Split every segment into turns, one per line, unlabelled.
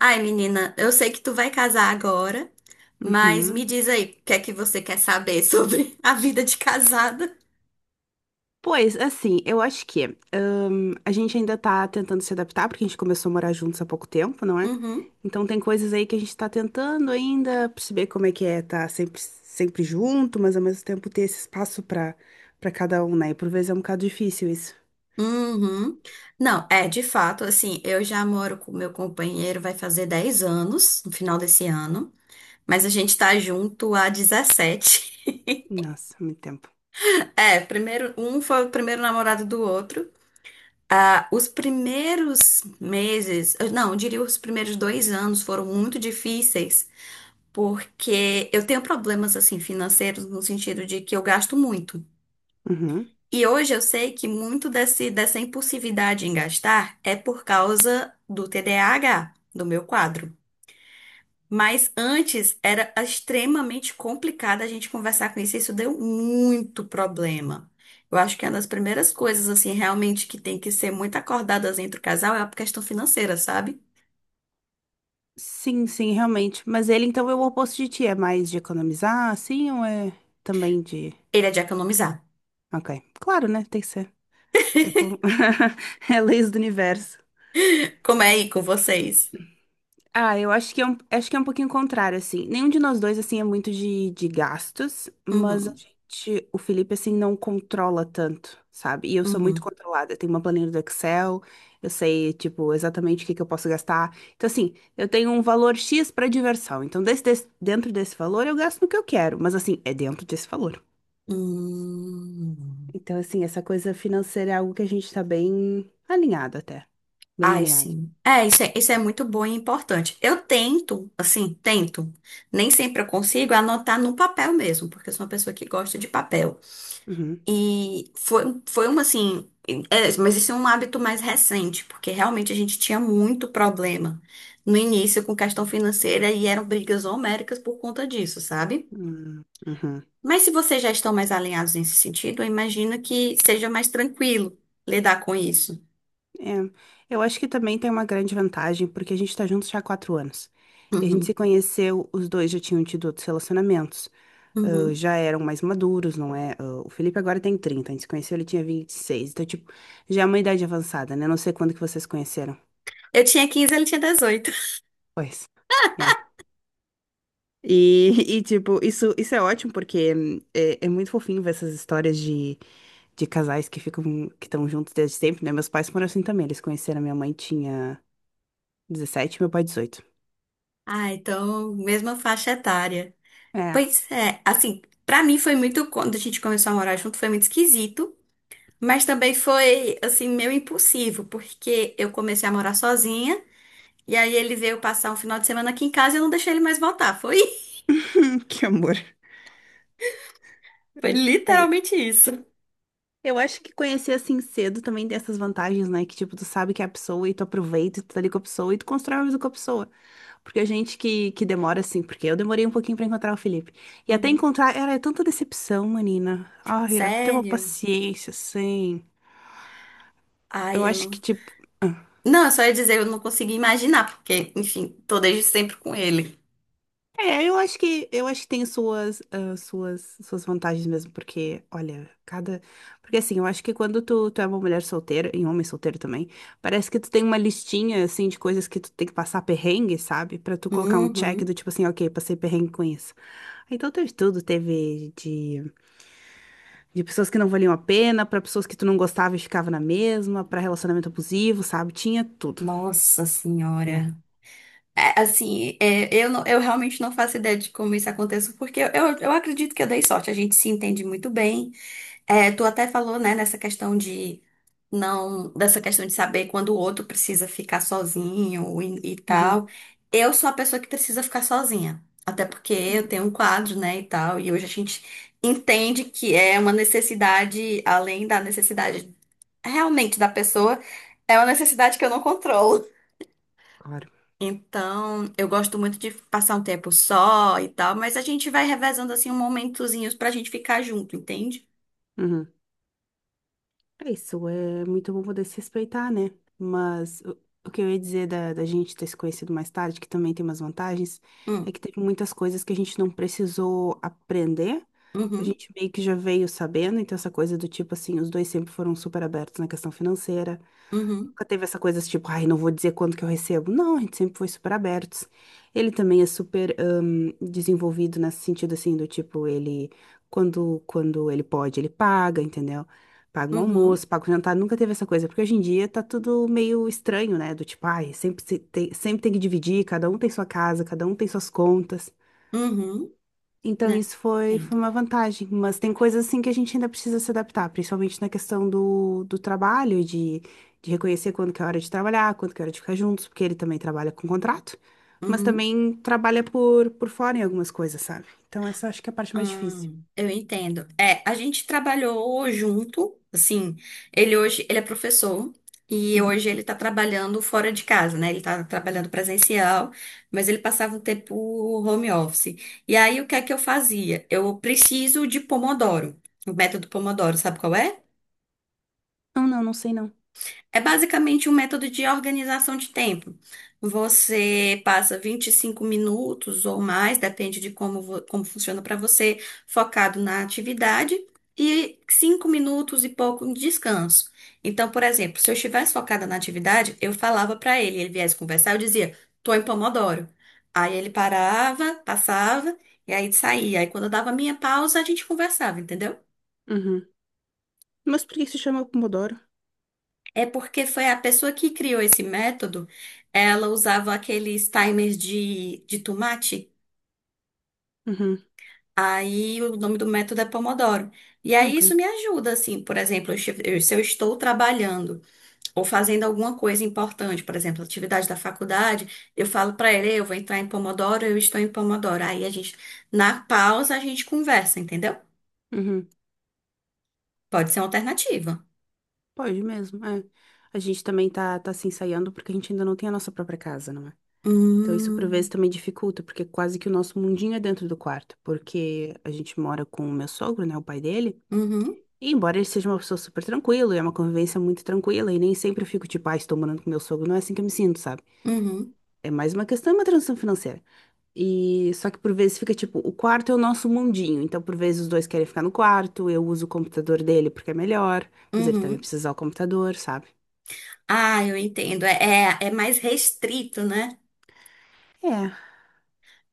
Ai, menina, eu sei que tu vai casar agora, mas me
Uhum.
diz aí, o que é que você quer saber sobre a vida de casada?
Pois, assim, eu acho que a gente ainda tá tentando se adaptar, porque a gente começou a morar juntos há pouco tempo, não é?
Uhum,
Então tem coisas aí que a gente tá tentando ainda perceber como é que é tá sempre, sempre junto, mas ao mesmo tempo ter esse espaço pra cada um, né? E por vezes é um bocado difícil isso.
uhum. Não, é, de fato, assim, eu já moro com meu companheiro, vai fazer 10 anos no final desse ano, mas a gente tá junto há 17.
Nossa, muito tempo.
É, primeiro, um foi o primeiro namorado do outro. Ah, os primeiros meses, não, eu diria os primeiros 2 anos foram muito difíceis porque eu tenho problemas assim financeiros no sentido de que eu gasto muito.
Uhum.
E hoje eu sei que muito dessa impulsividade em gastar é por causa do TDAH, do meu quadro. Mas antes era extremamente complicado a gente conversar com isso, e isso deu muito problema. Eu acho que é uma das primeiras coisas, assim, realmente que tem que ser muito acordadas entre o casal é a questão financeira, sabe?
Sim, sim, realmente. Mas ele então é o oposto de ti, é mais de economizar, assim, ou é também de.
Ele é de economizar.
Ok. Claro, né? Tem que ser. Tipo, é leis do universo.
Como é aí com vocês?
Ah, eu acho que é um, acho que é um pouquinho contrário, assim. Nenhum de nós dois, assim, é muito de gastos, mas a
Uhum,
gente, o Felipe, assim, não controla tanto, sabe? E eu sou muito
uhum.
controlada. Eu tenho uma planilha do Excel, eu sei, tipo, exatamente o que que eu posso gastar. Então, assim, eu tenho um valor X pra diversão. Então, dentro desse valor, eu gasto no que eu quero, mas, assim, é dentro desse valor.
Hum.
Então, assim, essa coisa financeira é algo que a gente tá bem alinhado até. Bem
Ai,
alinhado.
sim. É, isso é muito bom e importante. Eu tento, assim, tento. Nem sempre eu consigo anotar no papel mesmo, porque eu sou uma pessoa que gosta de papel.
Uhum.
E foi uma, assim. É, mas isso é um hábito mais recente, porque realmente a gente tinha muito problema no início com questão financeira e eram brigas homéricas por conta disso, sabe?
Uhum. Uhum.
Mas se vocês já estão mais alinhados nesse sentido, eu imagino que seja mais tranquilo lidar com isso.
É, eu acho que também tem uma grande vantagem, porque a gente tá juntos já há 4 anos. E a gente se
Uhum,
conheceu, os dois já tinham tido outros relacionamentos, ah,
uhum.
já eram mais maduros, não é? Ah, o Felipe agora tem 30, a gente se conheceu, ele tinha 26. Então, tipo, já é uma idade avançada, né? Não sei quando que vocês se conheceram.
Eu tinha 15, ele tinha 18.
Pois. Yeah. E, e, tipo, isso é ótimo porque é muito fofinho ver essas histórias de casais que ficam, que estão juntos desde sempre, né? Meus pais foram assim também, eles conheceram minha mãe tinha 17, meu pai 18.
Ah, então, mesma faixa etária.
É.
Pois é, assim, pra mim foi muito, quando a gente começou a morar junto, foi muito esquisito, mas também foi, assim, meio impulsivo, porque eu comecei a morar sozinha, e aí ele veio passar um final de semana aqui em casa e eu não deixei ele mais voltar. Foi,
Que amor.
foi
É, aí,
literalmente isso.
eu acho que conhecer assim cedo também tem essas vantagens, né? Que tipo, tu sabe que é a pessoa e tu aproveita, e tu tá ali com a pessoa e tu constrói uma vida com a pessoa. Porque a gente que demora assim, porque eu demorei um pouquinho pra encontrar o Felipe. E até
Uhum.
encontrar, era é tanta decepção, menina. Ai, era pra ter uma
Sério?
paciência, assim.
Ai,
Eu
eu
acho que
não.
tipo.
Não, eu só ia dizer, eu não consegui imaginar, porque, enfim, tô desde sempre com ele.
É, eu acho que tem suas vantagens mesmo, porque, olha, cada. Porque assim, eu acho que quando tu é uma mulher solteira, e um homem solteiro também, parece que tu tem uma listinha assim de coisas que tu tem que passar perrengue, sabe? Pra tu colocar um check
Uhum.
do tipo assim, ok, passei perrengue com isso. Então teve tudo, teve de pessoas que não valiam a pena, pra pessoas que tu não gostava e ficava na mesma, pra relacionamento abusivo, sabe? Tinha tudo.
Nossa
É.
Senhora. É, assim, é, não- eu realmente não faço ideia de como isso aconteceu, porque acredito que eu dei sorte, a gente se entende muito bem. É, tu até falou, né, nessa questão de não, dessa questão de saber quando o outro precisa ficar sozinho e tal.
Uhum.
Eu sou a pessoa que precisa ficar sozinha, até porque
Uhum.
eu tenho um quadro, né, e tal, e hoje a gente entende que é uma necessidade, além da necessidade realmente da pessoa, é uma necessidade que eu não controlo.
Claro.
Então, eu gosto muito de passar um tempo só e tal, mas a gente vai revezando assim um momentozinhos pra gente ficar junto, entende?
Uhum. É isso, é muito bom poder se respeitar, né? Mas o que eu ia dizer da gente ter se conhecido mais tarde, que também tem umas vantagens, é
Hum,
que teve muitas coisas que a gente não precisou aprender, a
uhum,
gente meio que já veio sabendo, então essa coisa do tipo assim, os dois sempre foram super abertos na questão financeira.
uhum,
Nunca teve essa coisa assim, tipo, ai, não vou dizer quanto que eu recebo. Não, a gente sempre foi super abertos. Ele também é super desenvolvido nesse sentido assim, do tipo, ele, quando ele pode, ele paga, entendeu? Paga um
uhum,
almoço, paga um jantar, nunca teve essa coisa, porque hoje em dia tá tudo meio estranho, né? Do tipo, ai, sempre, se tem, sempre tem que dividir, cada um tem sua casa, cada um tem suas contas.
uhum,
Então
né?
isso foi,
Entendo.
foi uma vantagem, mas tem coisas assim que a gente ainda precisa se adaptar, principalmente na questão do, trabalho, de reconhecer quando que é hora de trabalhar, quando que é hora de ficar juntos, porque ele também trabalha com contrato, mas
Uhum.
também trabalha por fora em algumas coisas, sabe? Então essa acho que é a parte mais difícil.
Eu entendo. É, a gente trabalhou junto, assim, ele é professor e
Uhum.
hoje ele tá trabalhando fora de casa, né? Ele tá trabalhando presencial, mas ele passava um tempo home office. E aí o que é que eu fazia? Eu preciso de Pomodoro, o método Pomodoro, sabe qual é?
Não, não, não sei não.
É basicamente um método de organização de tempo. Você passa 25 minutos ou mais, depende de como, como funciona para você, focado na atividade, e 5 minutos e pouco de descanso. Então, por exemplo, se eu estivesse focada na atividade, eu falava para ele, ele viesse conversar, eu dizia, tô em Pomodoro. Aí ele parava, passava, e aí saía. Aí quando eu dava a minha pausa, a gente conversava, entendeu?
Uhum. Mas por que que se chama Pomodoro?
É porque foi a pessoa que criou esse método, ela usava aqueles timers de tomate,
Uhum.
aí o nome do método é Pomodoro. E aí
Ok.
isso me ajuda, assim, por exemplo, se eu estou trabalhando ou fazendo alguma coisa importante, por exemplo, atividade da faculdade, eu falo para ele, eu vou entrar em Pomodoro, eu estou em Pomodoro. Aí a gente, na pausa, a gente conversa, entendeu?
Uhum.
Pode ser uma alternativa.
Pode mesmo, é. A gente também tá se ensaiando porque a gente ainda não tem a nossa própria casa, não é? Então, isso por vezes
Hum,
também dificulta, porque quase que o nosso mundinho é dentro do quarto, porque a gente mora com o meu sogro, né, o pai dele,
uhum,
e embora ele seja uma pessoa super tranquila, e é uma convivência muito tranquila, e nem sempre eu fico tipo, ah, estou morando com meu sogro, não é assim que eu me sinto, sabe?
uhum,
É mais uma questão, é uma transição financeira. E só que por vezes fica tipo, o quarto é o nosso mundinho, então por vezes os dois querem ficar no quarto, eu uso o computador dele porque é melhor, mas ele também
uhum.
precisa usar o computador, sabe?
Ah, eu entendo. É, é mais restrito, né?
É.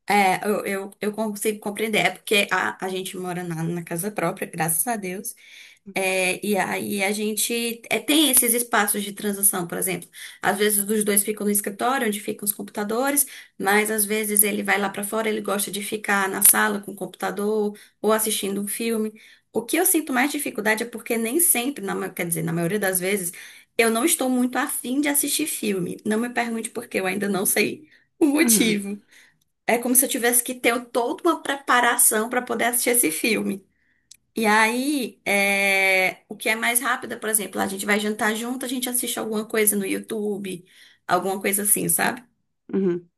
É, eu consigo compreender. É porque a gente mora na casa própria, graças a Deus. É, e aí a gente é, tem esses espaços de transição, por exemplo. Às vezes os dois ficam no escritório, onde ficam os computadores, mas às vezes ele vai lá pra fora, ele gosta de ficar na sala com o computador ou assistindo um filme. O que eu sinto mais dificuldade é porque nem sempre, quer dizer, na maioria das vezes, eu não estou muito afim de assistir filme. Não me pergunte por quê, eu ainda não sei o
Uhum.
motivo. É como se eu tivesse que ter toda uma preparação para poder assistir esse filme. E aí, é, o que é mais rápido, é, por exemplo, a gente vai jantar junto, a gente assiste alguma coisa no YouTube, alguma coisa assim, sabe?
Uhum.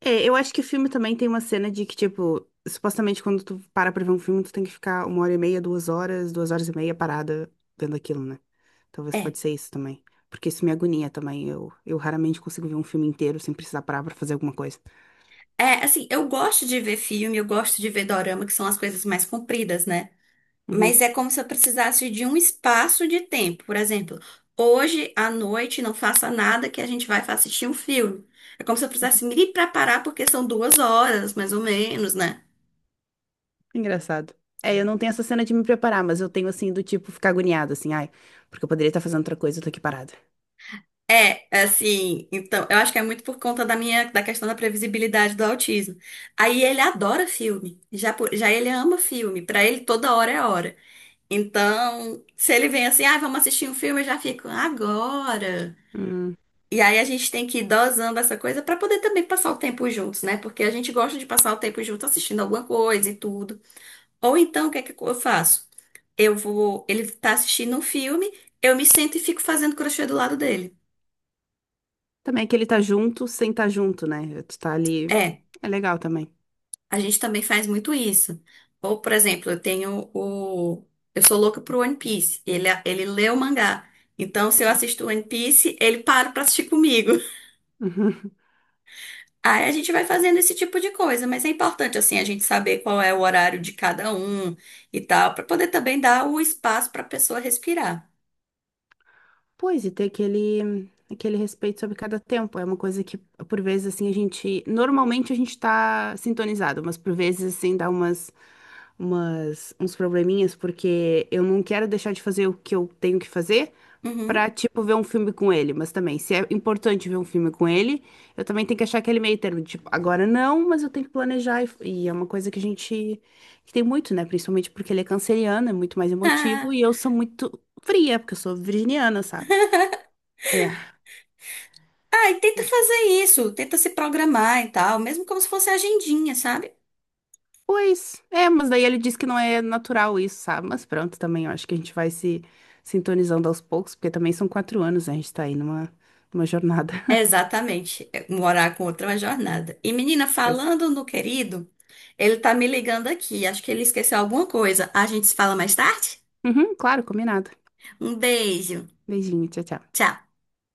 É, eu acho que o filme também tem uma cena de que, tipo, supostamente quando tu para pra ver um filme, tu tem que ficar 1h30, 2 horas, 2h30 parada vendo aquilo, né? Talvez
É.
pode ser isso também. Porque isso me agonia também. Eu raramente consigo ver um filme inteiro sem precisar parar pra fazer alguma coisa.
É, assim, eu gosto de ver filme, eu gosto de ver dorama, que são as coisas mais compridas, né? Mas
Uhum.
é como se eu precisasse de um espaço de tempo. Por exemplo, hoje à noite não faça nada que a gente vai assistir um filme. É como se eu precisasse me preparar, porque são 2 horas, mais ou menos, né?
Engraçado. É, eu não tenho essa cena de me preparar, mas eu tenho assim do tipo ficar agoniada, assim, ai, porque eu poderia estar fazendo outra coisa, eu tô aqui parada.
É, assim, então, eu acho que é muito por conta da minha, da questão da previsibilidade do autismo. Aí ele adora filme, já, já ele ama filme, pra ele toda hora é hora. Então, se ele vem assim, ah, vamos assistir um filme, eu já fico, agora.
Hum.
E aí a gente tem que ir dosando essa coisa pra poder também passar o tempo juntos, né? Porque a gente gosta de passar o tempo junto assistindo alguma coisa e tudo. Ou então, o que é que eu faço? Eu vou, ele tá assistindo um filme, eu me sento e fico fazendo crochê do lado dele.
Também é que ele tá junto sem estar junto, né? Tu tá ali.
É.
É legal também.
A gente também faz muito isso. Ou, por exemplo, eu tenho o. Eu sou louca pro One Piece. Ele lê o mangá. Então, se eu assisto One Piece, ele para pra assistir comigo. Aí a gente vai fazendo esse tipo de coisa, mas é importante, assim, a gente saber qual é o horário de cada um e tal, pra poder também dar o espaço pra pessoa respirar.
Pois, e ter aquele respeito sobre cada tempo. É uma coisa que, por vezes, assim, a gente. Normalmente a gente tá sintonizado, mas por vezes, assim, dá umas, uns probleminhas, porque eu não quero deixar de fazer o que eu tenho que fazer
Uhum.
pra, tipo, ver um filme com ele. Mas também, se é importante ver um filme com ele, eu também tenho que achar aquele meio termo. Tipo, agora não, mas eu tenho que planejar. E é uma coisa que a gente. Que tem muito, né? Principalmente porque ele é canceriano, é muito mais emotivo, e
Ah,
eu sou muito fria, porque eu sou virginiana, sabe? É,
Ah, e tenta fazer isso, tenta se programar e tal, mesmo como se fosse agendinha, sabe?
pois, é, mas daí ele diz que não é natural isso, sabe? Mas pronto, também eu acho que a gente vai se sintonizando aos poucos, porque também são 4 anos, né? A gente tá aí numa, numa jornada.
Exatamente, é morar com outra é uma jornada. E menina,
Pois.
falando no querido, ele tá me ligando aqui, acho que ele esqueceu alguma coisa. A gente se fala mais tarde?
Uhum, claro, combinado.
Um beijo,
Beijinho, tchau, tchau.
tchau.